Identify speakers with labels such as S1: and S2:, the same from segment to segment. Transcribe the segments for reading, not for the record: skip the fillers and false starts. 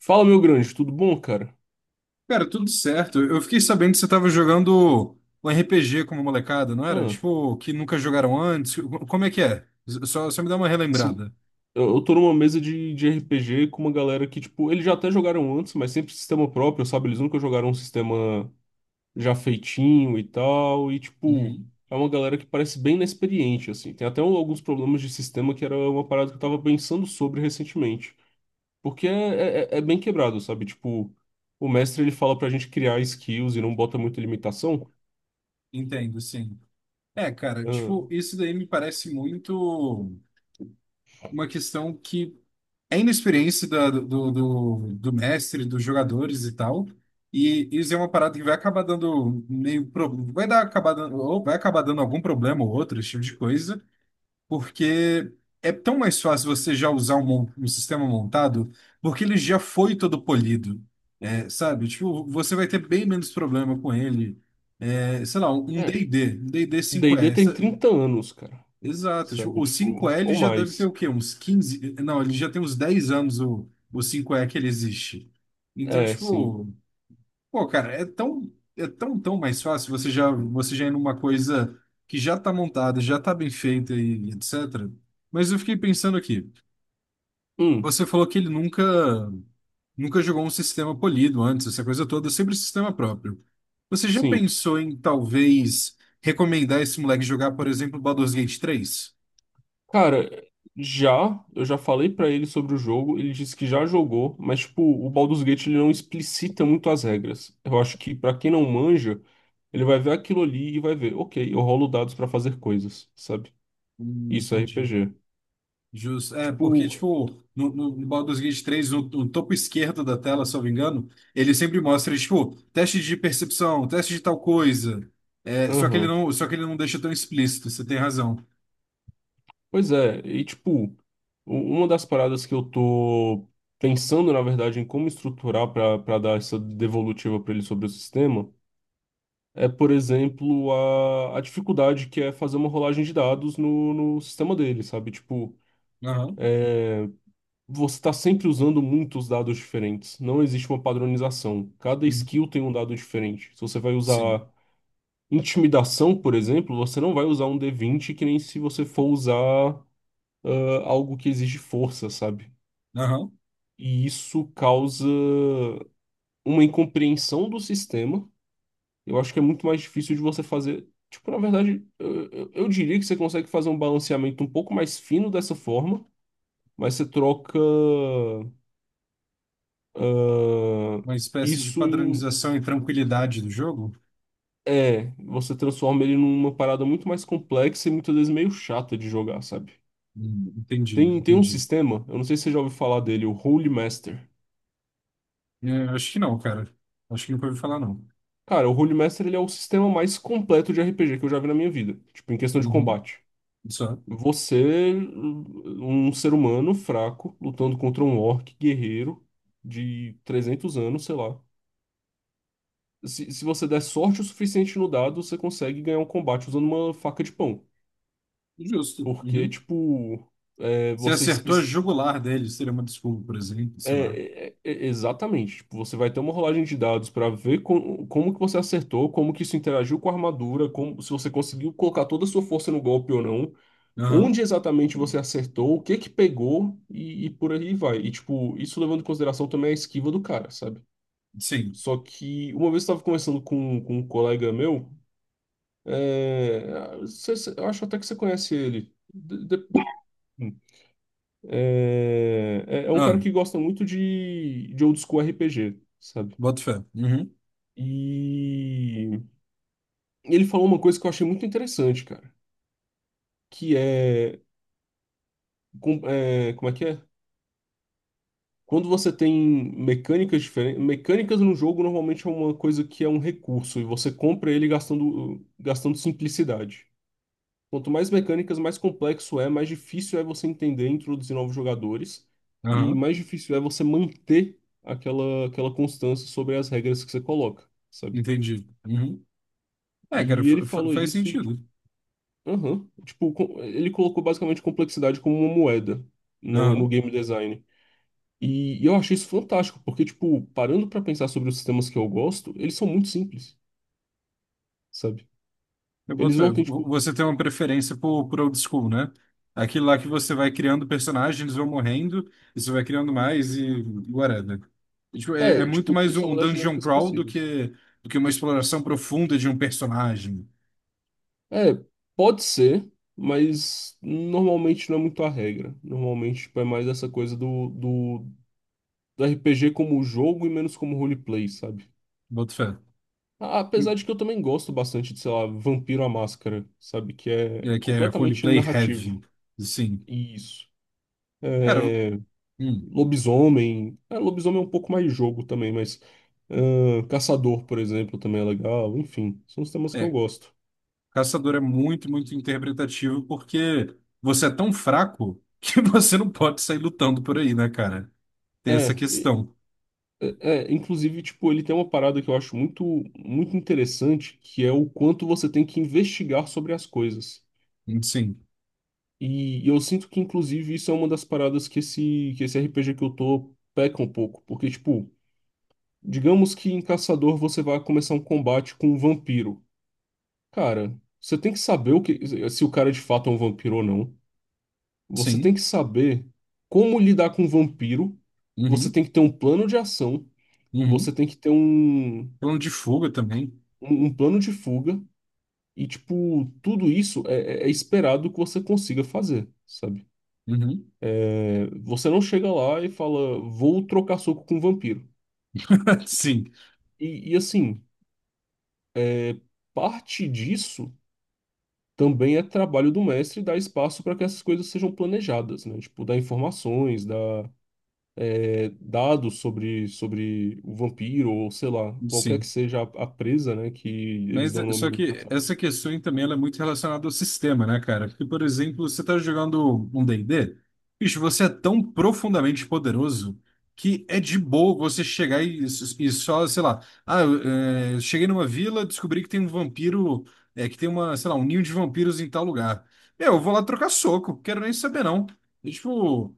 S1: Fala, meu grande, tudo bom, cara?
S2: Cara, tudo certo. Eu fiquei sabendo que você tava jogando um RPG como molecada, não era?
S1: Ah,
S2: Tipo, que nunca jogaram antes. Como é que é? Só me dá uma
S1: sim.
S2: relembrada.
S1: Eu tô numa mesa de RPG com uma galera que, tipo, eles já até jogaram antes, mas sempre sistema próprio, sabe? Eles nunca jogaram um sistema já feitinho e tal. E, tipo,
S2: Uhum.
S1: é uma galera que parece bem inexperiente, assim. Tem até alguns problemas de sistema que era uma parada que eu tava pensando sobre recentemente. Porque é, é é bem quebrado, sabe? Tipo, o mestre ele fala pra gente criar skills e não bota muita limitação.
S2: Entendo, sim. É, cara,
S1: Ah,
S2: tipo, isso daí me parece muito uma questão que é inexperiência do mestre, dos jogadores e tal. E isso é uma parada que vai acabar dando meio pro, vai dar acabar dando, ou vai acabar dando algum problema ou outro, esse tipo de coisa. Porque é tão mais fácil você já usar um sistema montado, porque ele já foi todo polido, sabe? Tipo, você vai ter bem menos problema com ele. É, sei lá,
S1: é.
S2: um D&D
S1: D&D
S2: 5E.
S1: tem 30 anos, cara.
S2: Exato. Tipo,
S1: Sabe?
S2: o
S1: Tipo,
S2: 5E ele
S1: ou
S2: já deve ter
S1: mais.
S2: o quê? Uns 15. Não, ele já tem uns 10 anos o cinco e que ele existe. Então,
S1: É, sim.
S2: tipo. Pô, cara, tão mais fácil você já ir numa coisa que já tá montada, já tá bem feita e etc. Mas eu fiquei pensando aqui.
S1: Hum,
S2: Você falou que ele nunca jogou um sistema polido antes, essa coisa toda, sempre sistema próprio. Você já
S1: sim.
S2: pensou em talvez recomendar esse moleque jogar, por exemplo, Baldur's Gate 3.
S1: Cara, já, eu já falei pra ele sobre o jogo, ele disse que já jogou, mas, tipo, o Baldur's Gate ele não explicita muito as regras. Eu acho que pra quem não manja, ele vai ver aquilo ali e vai ver, ok, eu rolo dados pra fazer coisas, sabe? Isso é
S2: Entendi.
S1: RPG.
S2: Justo. É, porque,
S1: Tipo,
S2: tipo, no Baldur's Gate 3, no topo esquerdo da tela, se eu não me engano, ele sempre mostra, tipo, teste de percepção, teste de tal coisa. É, só que ele
S1: aham.
S2: não, só que ele não deixa tão explícito, você tem razão.
S1: Pois é, e tipo, uma das paradas que eu tô pensando, na verdade, em como estruturar pra para dar essa devolutiva pra ele sobre o sistema. É, por exemplo, a dificuldade que é fazer uma rolagem de dados no, no sistema dele, sabe? Tipo,
S2: Aham.
S1: você está sempre usando muitos dados diferentes. Não existe uma padronização. Cada
S2: Uhum.
S1: skill tem um dado diferente. Se você vai
S2: Sim.
S1: usar intimidação, por exemplo, você não vai usar um d20 que nem se você for usar algo que exige força, sabe?
S2: Aham.
S1: E isso causa uma incompreensão do sistema. Eu acho que é muito mais difícil de você fazer. Tipo, na verdade, eu diria que você consegue fazer um balanceamento um pouco mais fino dessa forma, mas você troca ah,
S2: Uma espécie de
S1: isso em.
S2: padronização e tranquilidade do jogo?
S1: É, você transforma ele numa parada muito mais complexa e muitas vezes meio chata de jogar, sabe?
S2: Entendi,
S1: Tem um
S2: entendi.
S1: sistema, eu não sei se você já ouviu falar dele, o Holy Master.
S2: É, acho que não, cara. Acho que nunca ouvi falar, não.
S1: Cara, o Holy Master ele é o sistema mais completo de RPG que eu já vi na minha vida, tipo, em questão de
S2: Uhum.
S1: combate.
S2: Só.
S1: Você, um ser humano fraco, lutando contra um orc guerreiro de 300 anos, sei lá. Se você der sorte o suficiente no dado, você consegue ganhar um combate usando uma faca de pão.
S2: Justo.
S1: Porque,
S2: Uhum.
S1: tipo, é,
S2: Você
S1: você
S2: acertou a
S1: especifica.
S2: jugular dele, seria uma desculpa, por exemplo, sei lá.
S1: É, exatamente. Tipo, você vai ter uma rolagem de dados para ver como que você acertou, como que isso interagiu com a armadura, como, se você conseguiu colocar toda a sua força no golpe ou não.
S2: Aham.
S1: Onde exatamente você acertou, o que que pegou e por aí vai. E, tipo, isso levando em consideração também a esquiva do cara, sabe?
S2: Sim.
S1: Só que uma vez eu estava conversando com um colega meu, é, eu acho até que você conhece ele. É é um cara
S2: Ah,
S1: que gosta muito de old school RPG, sabe?
S2: boto fé. Uhum.
S1: E ele falou uma coisa que eu achei muito interessante, cara, que é, é como é que é? Quando você tem mecânicas diferentes, mecânicas no jogo normalmente é uma coisa que é um recurso e você compra ele gastando, gastando simplicidade. Quanto mais mecânicas, mais complexo é, mais difícil é você entender e introduzir novos jogadores e
S2: Aham.
S1: mais difícil é você manter aquela, aquela constância sobre as regras que você coloca, sabe?
S2: Entendi. Uhum. É, cara,
S1: E ele
S2: fa- fa-
S1: falou
S2: faz
S1: isso e, tipo,
S2: sentido.
S1: aham, tipo, ele colocou basicamente complexidade como uma moeda no
S2: Aham.
S1: game design. E eu achei isso fantástico, porque, tipo, parando pra pensar sobre os sistemas que eu gosto, eles são muito simples, sabe?
S2: Eu boto
S1: Eles
S2: fé.
S1: não
S2: V-
S1: têm, tipo.
S2: Você tem uma preferência por old school, né? Aquilo lá que você vai criando personagens, eles vão morrendo, e você vai criando mais e whatever. E, tipo, é
S1: É,
S2: muito
S1: tipo,
S2: mais um
S1: isso é
S2: um
S1: uma das
S2: dungeon
S1: dinâmicas
S2: crawl do
S1: possíveis.
S2: que, do que uma exploração profunda de um personagem.
S1: É, pode ser, mas normalmente não é muito a regra. Normalmente, tipo, é mais essa coisa do RPG como jogo e menos como roleplay, sabe?
S2: Boto fé.
S1: Apesar de que eu também gosto bastante de, sei lá, Vampiro à Máscara, sabe? Que é
S2: É, que é
S1: completamente
S2: roleplay heavy.
S1: narrativo.
S2: Sim.
S1: Isso.
S2: Cara,
S1: É,
S2: hum.
S1: lobisomem. É, lobisomem é um pouco mais jogo também, mas. Caçador, por exemplo, também é legal. Enfim, são os temas que eu
S2: é,
S1: gosto.
S2: Caçador é muito, muito interpretativo porque você é tão fraco que você não pode sair lutando por aí, né, cara? Tem
S1: É,
S2: essa
S1: e-
S2: questão.
S1: é, é, inclusive, tipo, ele tem uma parada que eu acho muito, muito interessante, que é o quanto você tem que investigar sobre as coisas.
S2: Sim,
S1: E eu sinto que, inclusive, isso é uma das paradas que esse RPG que eu tô peca um pouco. Porque, tipo, digamos que em Caçador você vai começar um combate com um vampiro. Cara, você tem que saber o que, se o cara de fato é um vampiro ou não. Você tem
S2: sim.
S1: que saber como lidar com um vampiro, você
S2: Uhum,
S1: tem que ter um plano de ação,
S2: uhum.
S1: você tem que ter um,
S2: Plano de fuga também.
S1: um plano de fuga, e, tipo, tudo isso é esperado que você consiga fazer, sabe?
S2: Uhum.
S1: É, você não chega lá e fala, vou trocar soco com um vampiro.
S2: Sim,
S1: E, assim, parte disso também é trabalho do mestre dar espaço para que essas coisas sejam planejadas, né? Tipo, dar informações, dados sobre, sobre o vampiro, ou sei lá, qualquer que
S2: sim.
S1: seja a presa, né? Que eles
S2: Mas
S1: dão
S2: só
S1: nome.
S2: que essa questão aí também ela é muito relacionada ao sistema, né, cara? Porque, por exemplo, você tá jogando um D&D, bicho, você é tão profundamente poderoso que é de boa você chegar e só, sei lá, ah, eu, cheguei numa vila, descobri que tem um vampiro, é, que tem uma, sei lá, um ninho de vampiros em tal lugar. Meu, eu vou lá trocar soco, quero nem saber não. E, tipo,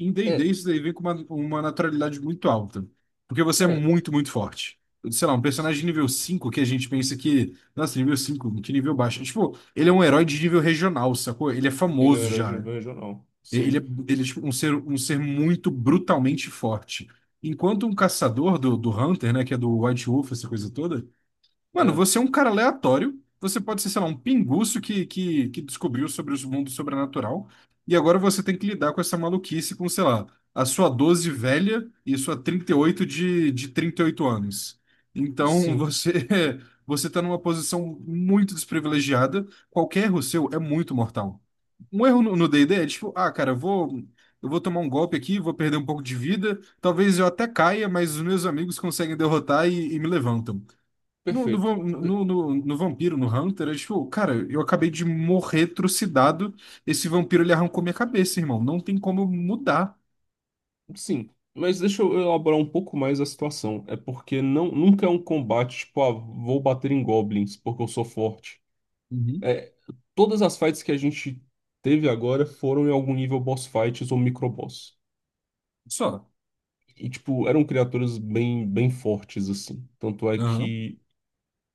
S2: em D&D
S1: É,
S2: isso daí vem com uma naturalidade muito alta, porque você é
S1: é.
S2: muito, muito forte. Sei lá, um personagem de nível 5 que a gente pensa que, nossa, nível 5, que nível baixo. Tipo, ele é um herói de nível regional, sacou? Ele é
S1: Ele é um
S2: famoso
S1: herói
S2: já.
S1: regional.
S2: Ele é,
S1: Sim.
S2: ele é tipo, um ser muito brutalmente forte. Enquanto um caçador do Hunter, né, que é do White Wolf, essa coisa toda. Mano,
S1: É,
S2: você é um cara aleatório. Você pode ser, sei lá, um pinguço que descobriu sobre os mundos sobrenatural. E agora você tem que lidar com essa maluquice com, sei lá, a sua 12 velha e sua 38 de 38 anos. Então
S1: sim.
S2: você você tá numa posição muito desprivilegiada. Qualquer erro seu é muito mortal. Um erro no D&D é tipo, ah, cara, eu vou tomar um golpe aqui, vou perder um pouco de vida. Talvez eu até caia, mas os meus amigos conseguem derrotar e me levantam. No, no,
S1: Perfeito.
S2: vam-
S1: D-
S2: no, no, no vampiro, no Hunter, é tipo, cara, eu acabei de morrer trucidado. Esse vampiro ele arrancou minha cabeça, irmão. Não tem como eu mudar.
S1: Sim. Mas deixa eu elaborar um pouco mais a situação. É porque não, nunca é um combate, tipo, ah, vou bater em goblins porque eu sou forte.
S2: Uhum.
S1: É, todas as fights que a gente teve agora foram em algum nível boss fights ou microboss.
S2: Só.
S1: E, tipo, eram criaturas bem, bem fortes, assim. Tanto é
S2: Aham.
S1: que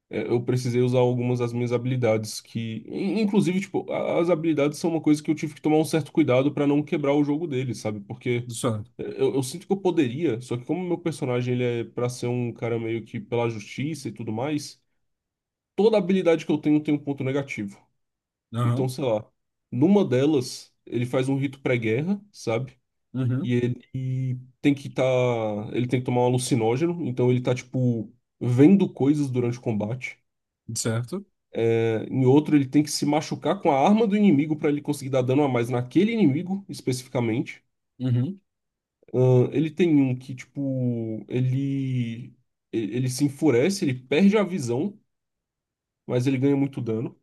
S1: é, eu precisei usar algumas das minhas habilidades que... Inclusive, tipo, as habilidades são uma coisa que eu tive que tomar um certo cuidado pra não quebrar o jogo dele, sabe? Porque
S2: Só.
S1: é, eu sinto que eu poderia, só que como meu personagem, ele é pra ser um cara meio que pela justiça e tudo mais, toda habilidade que eu tenho tem um ponto negativo. Então,
S2: Aham.
S1: sei lá, numa delas, ele faz um rito pré-guerra, sabe? E
S2: Uhum.
S1: ele tem que estar. Ele tem que tomar um alucinógeno, então ele tá, tipo, vendo coisas durante o combate.
S2: Certo?
S1: É, em outro, ele tem que se machucar com a arma do inimigo para ele conseguir dar dano a mais naquele inimigo, especificamente.
S2: Uhum.
S1: Ele tem um que, tipo, ele. Ele se enfurece, ele perde a visão, mas ele ganha muito dano.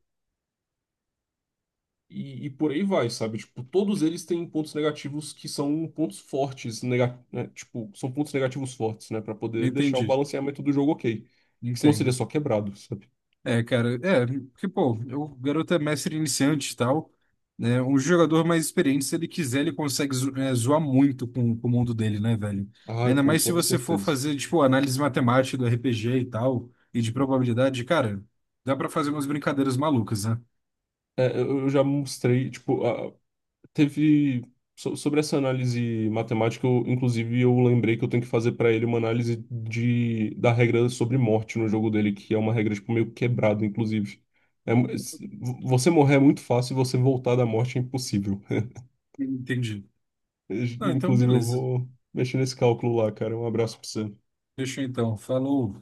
S1: E por aí vai, sabe? Tipo, todos eles têm pontos negativos que são pontos fortes, nega, né? Tipo, são pontos negativos fortes, né? Pra poder deixar o
S2: Entendi.
S1: balanceamento do jogo ok. Que senão seria
S2: Entendo.
S1: só quebrado, sabe?
S2: É, cara, porque, pô, o garoto é mestre iniciante e tal, né? Um jogador mais experiente, se ele quiser, ele consegue zoar muito com o mundo dele, né, velho?
S1: Ah,
S2: Ainda
S1: com
S2: mais se
S1: toda
S2: você for
S1: certeza.
S2: fazer, tipo, análise matemática do RPG e tal, e de probabilidade, cara, dá pra fazer umas brincadeiras malucas, né?
S1: É, eu já mostrei, tipo, ah, teve. Sobre essa análise matemática, eu, inclusive, eu lembrei que eu tenho que fazer pra ele uma análise de, da regra sobre morte no jogo dele, que é uma regra, tipo, meio quebrada, inclusive. É mu- s- você morrer é muito fácil e você voltar da morte é impossível.
S2: Entendi. Ah, então
S1: Inclusive, eu
S2: beleza.
S1: vou mexer nesse cálculo lá, cara. Um abraço pra você.
S2: Fechou então. Falou.